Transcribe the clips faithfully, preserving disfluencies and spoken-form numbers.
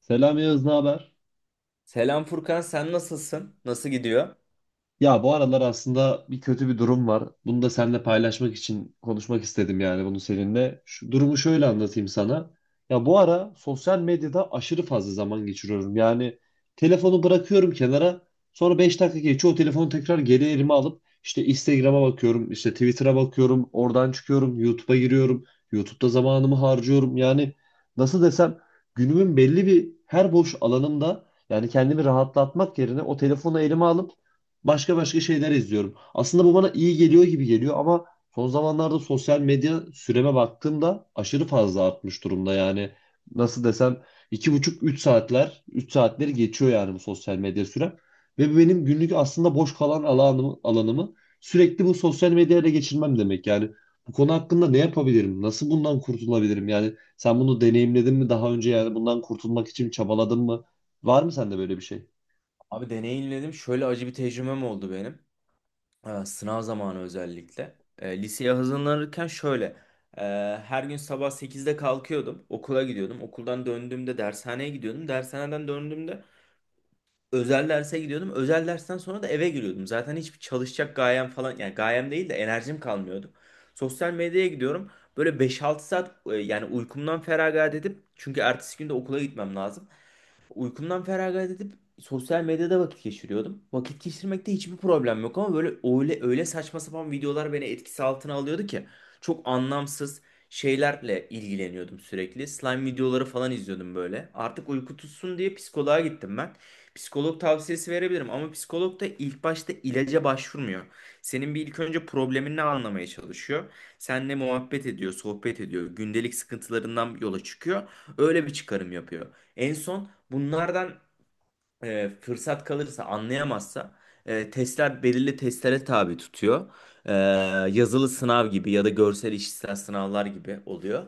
Selam Yağız, ne haber? Selam Furkan, sen nasılsın? Nasıl gidiyor? Ya bu aralar aslında bir kötü bir durum var. Bunu da seninle paylaşmak için konuşmak istedim yani bunu seninle. Şu durumu şöyle anlatayım sana. Ya bu ara sosyal medyada aşırı fazla zaman geçiriyorum. Yani telefonu bırakıyorum kenara. Sonra beş dakika geçiyor. O telefonu tekrar geri elime alıp işte Instagram'a bakıyorum, işte Twitter'a bakıyorum, oradan çıkıyorum, YouTube'a giriyorum. YouTube'da zamanımı harcıyorum. Yani nasıl desem günümün belli bir her boş alanımda yani kendimi rahatlatmak yerine o telefonu elime alıp başka başka şeyler izliyorum. Aslında bu bana iyi geliyor gibi geliyor ama son zamanlarda sosyal medya süreme baktığımda aşırı fazla artmış durumda. Yani nasıl desem iki buçuk üç saatler üç saatleri geçiyor yani bu sosyal medya sürem. Ve bu benim günlük aslında boş kalan alanımı, alanımı sürekli bu sosyal medyayla geçirmem demek. Yani bu konu hakkında ne yapabilirim? Nasıl bundan kurtulabilirim? Yani sen bunu deneyimledin mi daha önce yani bundan kurtulmak için çabaladın mı? Var mı sende böyle bir şey? Abi deneyimledim. Şöyle acı bir tecrübem oldu benim. Ee, sınav zamanı özellikle. Ee, liseye hazırlanırken şöyle. e, her gün sabah sekizde kalkıyordum. Okula gidiyordum. Okuldan döndüğümde dershaneye gidiyordum. Dershaneden döndüğümde özel derse gidiyordum. Özel dersten sonra da eve giriyordum. Zaten hiçbir çalışacak gayem falan, yani gayem değil de enerjim kalmıyordu. Sosyal medyaya gidiyorum. Böyle beş altı saat, e, yani uykumdan feragat edip, çünkü ertesi günde okula gitmem lazım. Uykumdan feragat edip sosyal medyada vakit geçiriyordum. Vakit geçirmekte hiçbir problem yok ama böyle öyle öyle saçma sapan videolar beni etkisi altına alıyordu ki çok anlamsız şeylerle ilgileniyordum sürekli. Slime videoları falan izliyordum böyle. Artık uyku tutsun diye psikoloğa gittim ben. Psikolog tavsiyesi verebilirim ama psikolog da ilk başta ilaca başvurmuyor. Senin bir ilk önce problemini anlamaya çalışıyor. Seninle muhabbet ediyor, sohbet ediyor, gündelik sıkıntılarından yola çıkıyor. Öyle bir çıkarım yapıyor. En son bunlardan, e, fırsat kalırsa, anlayamazsa, e, testler belirli testlere tabi tutuyor. E, yazılı sınav gibi ya da görsel işitsel sınavlar gibi oluyor.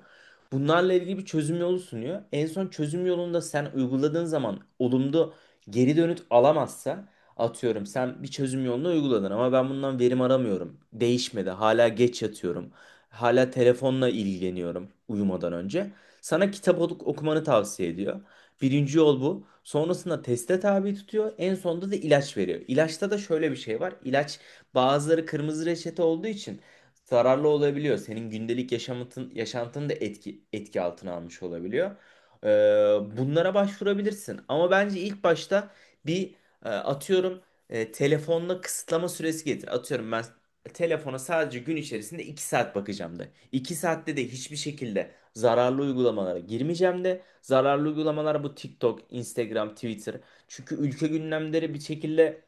Bunlarla ilgili bir çözüm yolu sunuyor. En son çözüm yolunda sen uyguladığın zaman olumlu geri dönüt alamazsa, atıyorum, sen bir çözüm yolunu uyguladın ama ben bundan verim aramıyorum. Değişmedi. Hala geç yatıyorum. Hala telefonla ilgileniyorum uyumadan önce. Sana kitap ok- okumanı tavsiye ediyor. Birinci yol bu. Sonrasında teste tabi tutuyor. En sonunda da ilaç veriyor. İlaçta da şöyle bir şey var. İlaç, bazıları kırmızı reçete olduğu için zararlı olabiliyor. Senin gündelik yaşamın, yaşantını da etki, etki altına almış olabiliyor. Ee, bunlara başvurabilirsin. Ama bence ilk başta bir, e, atıyorum, e, telefonla kısıtlama süresi getir. Atıyorum, ben telefona sadece gün içerisinde iki saat bakacağım de. iki saatte de hiçbir şekilde zararlı uygulamalara girmeyeceğim de. Zararlı uygulamalar bu TikTok, Instagram, Twitter. Çünkü ülke gündemleri bir şekilde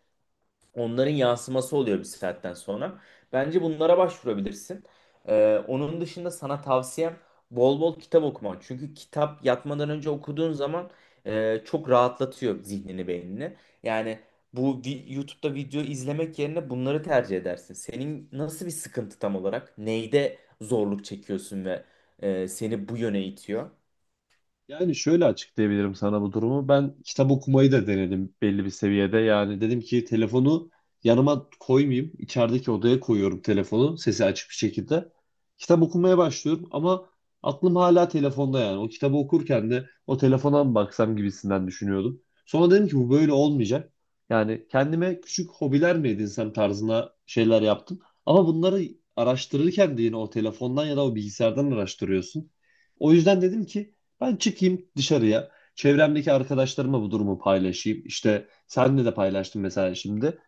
onların yansıması oluyor bir saatten sonra. Bence bunlara başvurabilirsin. Ee, onun dışında sana tavsiyem bol bol kitap okuman. Çünkü kitap yatmadan önce okuduğun zaman e, çok rahatlatıyor zihnini, beynini. Yani bu vi- YouTube'da video izlemek yerine bunları tercih edersin. Senin nasıl bir sıkıntı tam olarak? Neyde zorluk çekiyorsun ve e, seni bu yöne itiyor? Yani şöyle açıklayabilirim sana bu durumu. Ben kitap okumayı da denedim belli bir seviyede. Yani dedim ki telefonu yanıma koymayayım. İçerideki odaya koyuyorum telefonu sesi açık bir şekilde. Kitap okumaya başlıyorum ama aklım hala telefonda yani. O kitabı okurken de o telefona mı baksam gibisinden düşünüyordum. Sonra dedim ki bu böyle olmayacak. Yani kendime küçük hobiler mi edinsem tarzına şeyler yaptım. Ama bunları araştırırken de yine o telefondan ya da o bilgisayardan araştırıyorsun. O yüzden dedim ki ben çıkayım dışarıya. Çevremdeki arkadaşlarıma bu durumu paylaşayım. İşte senle de paylaştım mesela şimdi.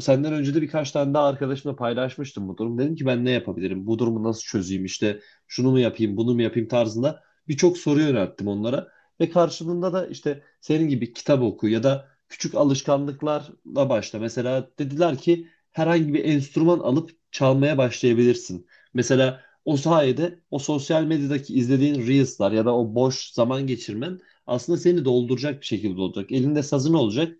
Senden önce de birkaç tane daha arkadaşımla paylaşmıştım bu durum. Dedim ki ben ne yapabilirim? Bu durumu nasıl çözeyim? İşte şunu mu yapayım, bunu mu yapayım tarzında birçok soru yönelttim onlara. Ve karşılığında da işte senin gibi kitap oku ya da küçük alışkanlıklarla başla. Mesela dediler ki herhangi bir enstrüman alıp çalmaya başlayabilirsin. Mesela o sayede o sosyal medyadaki izlediğin Reels'lar ya da o boş zaman geçirmen aslında seni dolduracak bir şekilde olacak. Elinde sazın olacak.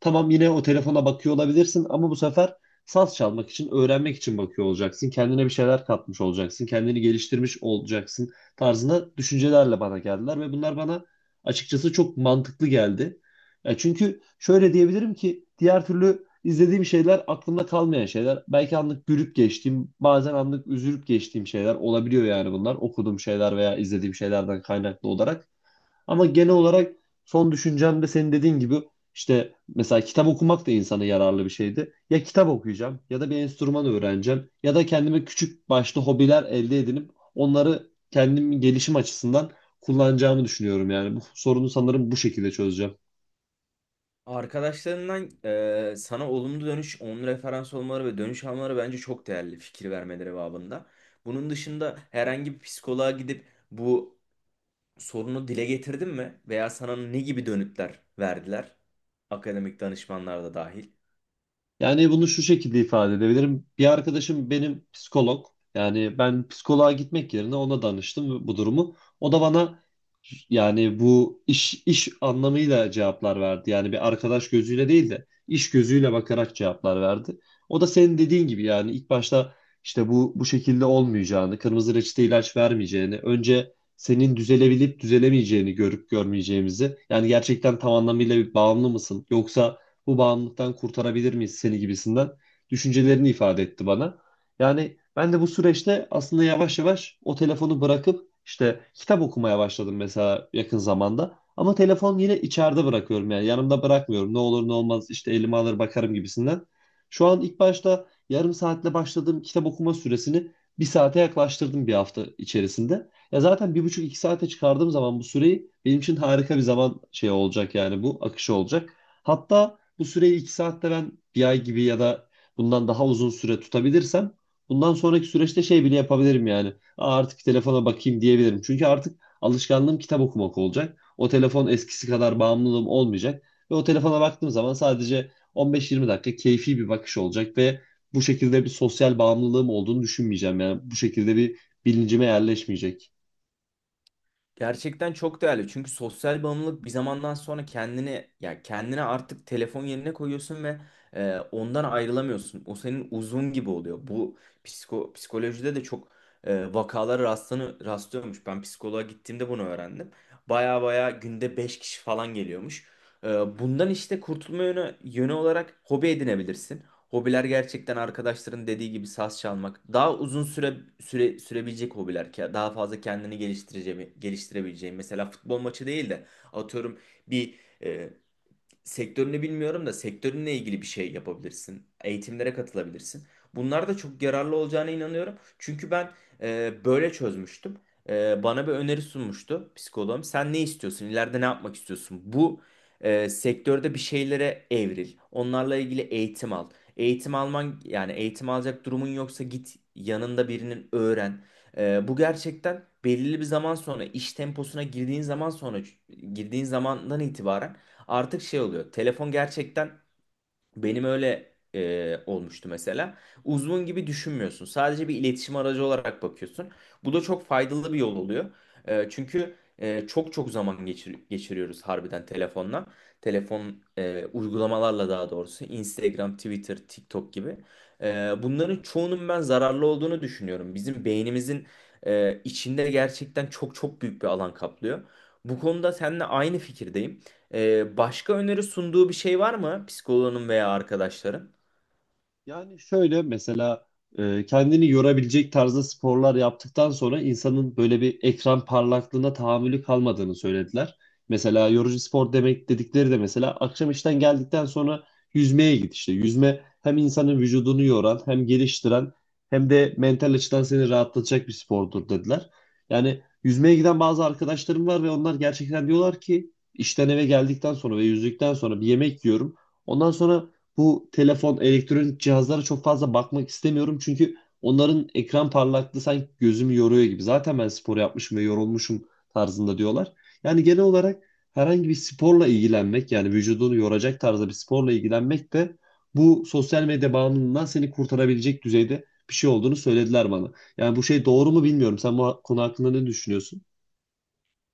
Tamam yine o telefona bakıyor olabilirsin ama bu sefer saz çalmak için, öğrenmek için bakıyor olacaksın. Kendine bir şeyler katmış olacaksın. Kendini geliştirmiş olacaksın tarzında düşüncelerle bana geldiler ve bunlar bana açıkçası çok mantıklı geldi. Ya çünkü şöyle diyebilirim ki diğer türlü İzlediğim şeyler aklımda kalmayan şeyler. Belki anlık gülüp geçtiğim, bazen anlık üzülüp geçtiğim şeyler olabiliyor yani bunlar. Okuduğum şeyler veya izlediğim şeylerden kaynaklı olarak. Ama genel olarak son düşüncem de senin dediğin gibi işte mesela kitap okumak da insana yararlı bir şeydi. Ya kitap okuyacağım ya da bir enstrüman öğreneceğim ya da kendime küçük başlı hobiler elde edinip onları kendim gelişim açısından kullanacağımı düşünüyorum yani. Bu sorunu sanırım bu şekilde çözeceğim. Arkadaşlarından, eee, sana olumlu dönüş, onun referans olmaları ve dönüş almaları bence çok değerli, fikir vermeleri babında. Bunun dışında herhangi bir psikoloğa gidip bu sorunu dile getirdin mi? Veya sana ne gibi dönütler verdiler? Akademik danışmanlar da dahil. Yani bunu şu şekilde ifade edebilirim. Bir arkadaşım benim psikolog. Yani ben psikoloğa gitmek yerine ona danıştım bu durumu. O da bana yani bu iş iş anlamıyla cevaplar verdi. Yani bir arkadaş gözüyle değil de iş gözüyle bakarak cevaplar verdi. O da senin dediğin gibi yani ilk başta işte bu bu şekilde olmayacağını, kırmızı reçete ilaç vermeyeceğini, önce senin düzelebilip düzelemeyeceğini görüp görmeyeceğimizi, yani gerçekten tam anlamıyla bir bağımlı mısın yoksa bu bağımlılıktan kurtarabilir miyiz seni gibisinden düşüncelerini ifade etti bana. Yani ben de bu süreçte aslında yavaş yavaş o telefonu bırakıp işte kitap okumaya başladım mesela yakın zamanda. Ama telefon yine içeride bırakıyorum yani yanımda bırakmıyorum. Ne olur ne olmaz işte elime alır bakarım gibisinden. Şu an ilk başta yarım saatle başladığım kitap okuma süresini bir saate yaklaştırdım bir hafta içerisinde. Ya zaten bir buçuk iki saate çıkardığım zaman bu süreyi benim için harika bir zaman şey olacak yani bu akışı olacak. Hatta bu süreyi iki saatte ben bir ay gibi ya da bundan daha uzun süre tutabilirsem bundan sonraki süreçte şey bile yapabilirim yani. Aa, artık telefona bakayım diyebilirim. Çünkü artık alışkanlığım kitap okumak olacak. O telefon eskisi kadar bağımlılığım olmayacak. Ve o telefona baktığım zaman sadece on beş yirmi dakika keyfi bir bakış olacak ve bu şekilde bir sosyal bağımlılığım olduğunu düşünmeyeceğim. Yani bu şekilde bir bilincime yerleşmeyecek. Gerçekten çok değerli. Çünkü sosyal bağımlılık bir zamandan sonra kendini, ya kendine artık telefon yerine koyuyorsun ve e, ondan ayrılamıyorsun. O senin uzun gibi oluyor. Bu psiko, psikolojide de çok e, vakalara rastlanı, rastlıyormuş. Ben psikoloğa gittiğimde bunu öğrendim. Baya baya günde beş kişi falan geliyormuş. E, bundan işte kurtulma yönü, yönü olarak hobi edinebilirsin. Hobiler gerçekten arkadaşların dediği gibi saz çalmak. Daha uzun süre, süre sürebilecek hobiler ki daha fazla kendini geliştireceğim, geliştirebileceğim. Mesela futbol maçı değil de atıyorum, bir, e, sektörünü bilmiyorum da sektörünle ilgili bir şey yapabilirsin. Eğitimlere katılabilirsin. Bunlar da çok yararlı olacağına inanıyorum. Çünkü ben e, böyle çözmüştüm. E, bana bir öneri sunmuştu psikoloğum. Sen ne istiyorsun? İleride ne yapmak istiyorsun? Bu e, sektörde bir şeylere evril. Onlarla ilgili eğitim al. Eğitim alman, yani eğitim alacak durumun yoksa git yanında birinin öğren. E, bu gerçekten belirli bir zaman sonra iş temposuna girdiğin zaman sonra girdiğin zamandan itibaren artık şey oluyor. Telefon gerçekten benim öyle e, olmuştu mesela. Uzun gibi düşünmüyorsun. Sadece bir iletişim aracı olarak bakıyorsun. Bu da çok faydalı bir yol oluyor. E, çünkü e, çok çok zaman geçir- geçiriyoruz harbiden telefonla. Telefon e, uygulamalarla daha doğrusu. Instagram, Twitter, TikTok gibi. E, bunların çoğunun ben zararlı olduğunu düşünüyorum. Bizim beynimizin e, içinde gerçekten çok çok büyük bir alan kaplıyor. Bu konuda seninle aynı fikirdeyim. Ee, başka öneri sunduğu bir şey var mı psikoloğunun veya arkadaşların? Yani şöyle mesela e, kendini yorabilecek tarzda sporlar yaptıktan sonra insanın böyle bir ekran parlaklığına tahammülü kalmadığını söylediler. Mesela yorucu spor demek dedikleri de mesela akşam işten geldikten sonra yüzmeye git işte. Yüzme hem insanın vücudunu yoran hem geliştiren hem de mental açıdan seni rahatlatacak bir spordur dediler. Yani yüzmeye giden bazı arkadaşlarım var ve onlar gerçekten diyorlar ki işten eve geldikten sonra ve yüzdükten sonra bir yemek yiyorum. Ondan sonra bu telefon, elektronik cihazlara çok fazla bakmak istemiyorum. Çünkü onların ekran parlaklığı sanki gözümü yoruyor gibi. Zaten ben spor yapmışım ve yorulmuşum tarzında diyorlar. Yani genel olarak herhangi bir sporla ilgilenmek yani vücudunu yoracak tarzda bir sporla ilgilenmek de bu sosyal medya bağımlılığından seni kurtarabilecek düzeyde bir şey olduğunu söylediler bana. Yani bu şey doğru mu bilmiyorum. Sen bu konu hakkında ne düşünüyorsun?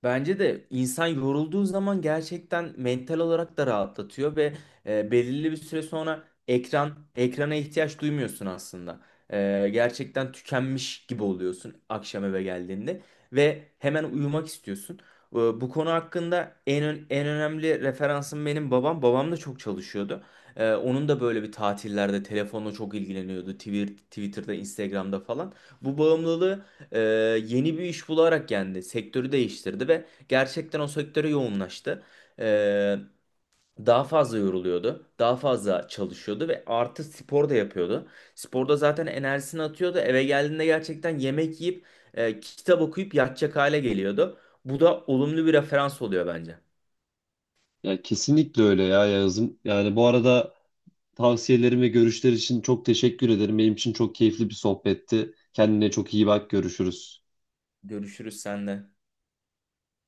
Bence de insan yorulduğu zaman gerçekten mental olarak da rahatlatıyor ve e, belirli bir süre sonra ekran ekrana ihtiyaç duymuyorsun aslında. E, gerçekten tükenmiş gibi oluyorsun akşam eve geldiğinde ve hemen uyumak istiyorsun. E, bu konu hakkında en ön- en önemli referansım benim babam. Babam da çok çalışıyordu. E, onun da böyle bir tatillerde telefonla çok ilgileniyordu. Twitter, Twitter'da, Instagram'da falan. Bu bağımlılığı e, yeni bir iş bularak kendi sektörü değiştirdi ve gerçekten o sektöre yoğunlaştı. E, daha fazla yoruluyordu, daha fazla çalışıyordu ve artı spor da yapıyordu. Sporda zaten enerjisini atıyordu. Eve geldiğinde gerçekten yemek yiyip e, kitap okuyup yatacak hale geliyordu. Bu da olumlu bir referans oluyor bence. Ya kesinlikle öyle ya Yağız'ım. Yani bu arada tavsiyelerin ve görüşler için çok teşekkür ederim. Benim için çok keyifli bir sohbetti. Kendine çok iyi bak. Görüşürüz. Görüşürüz senle.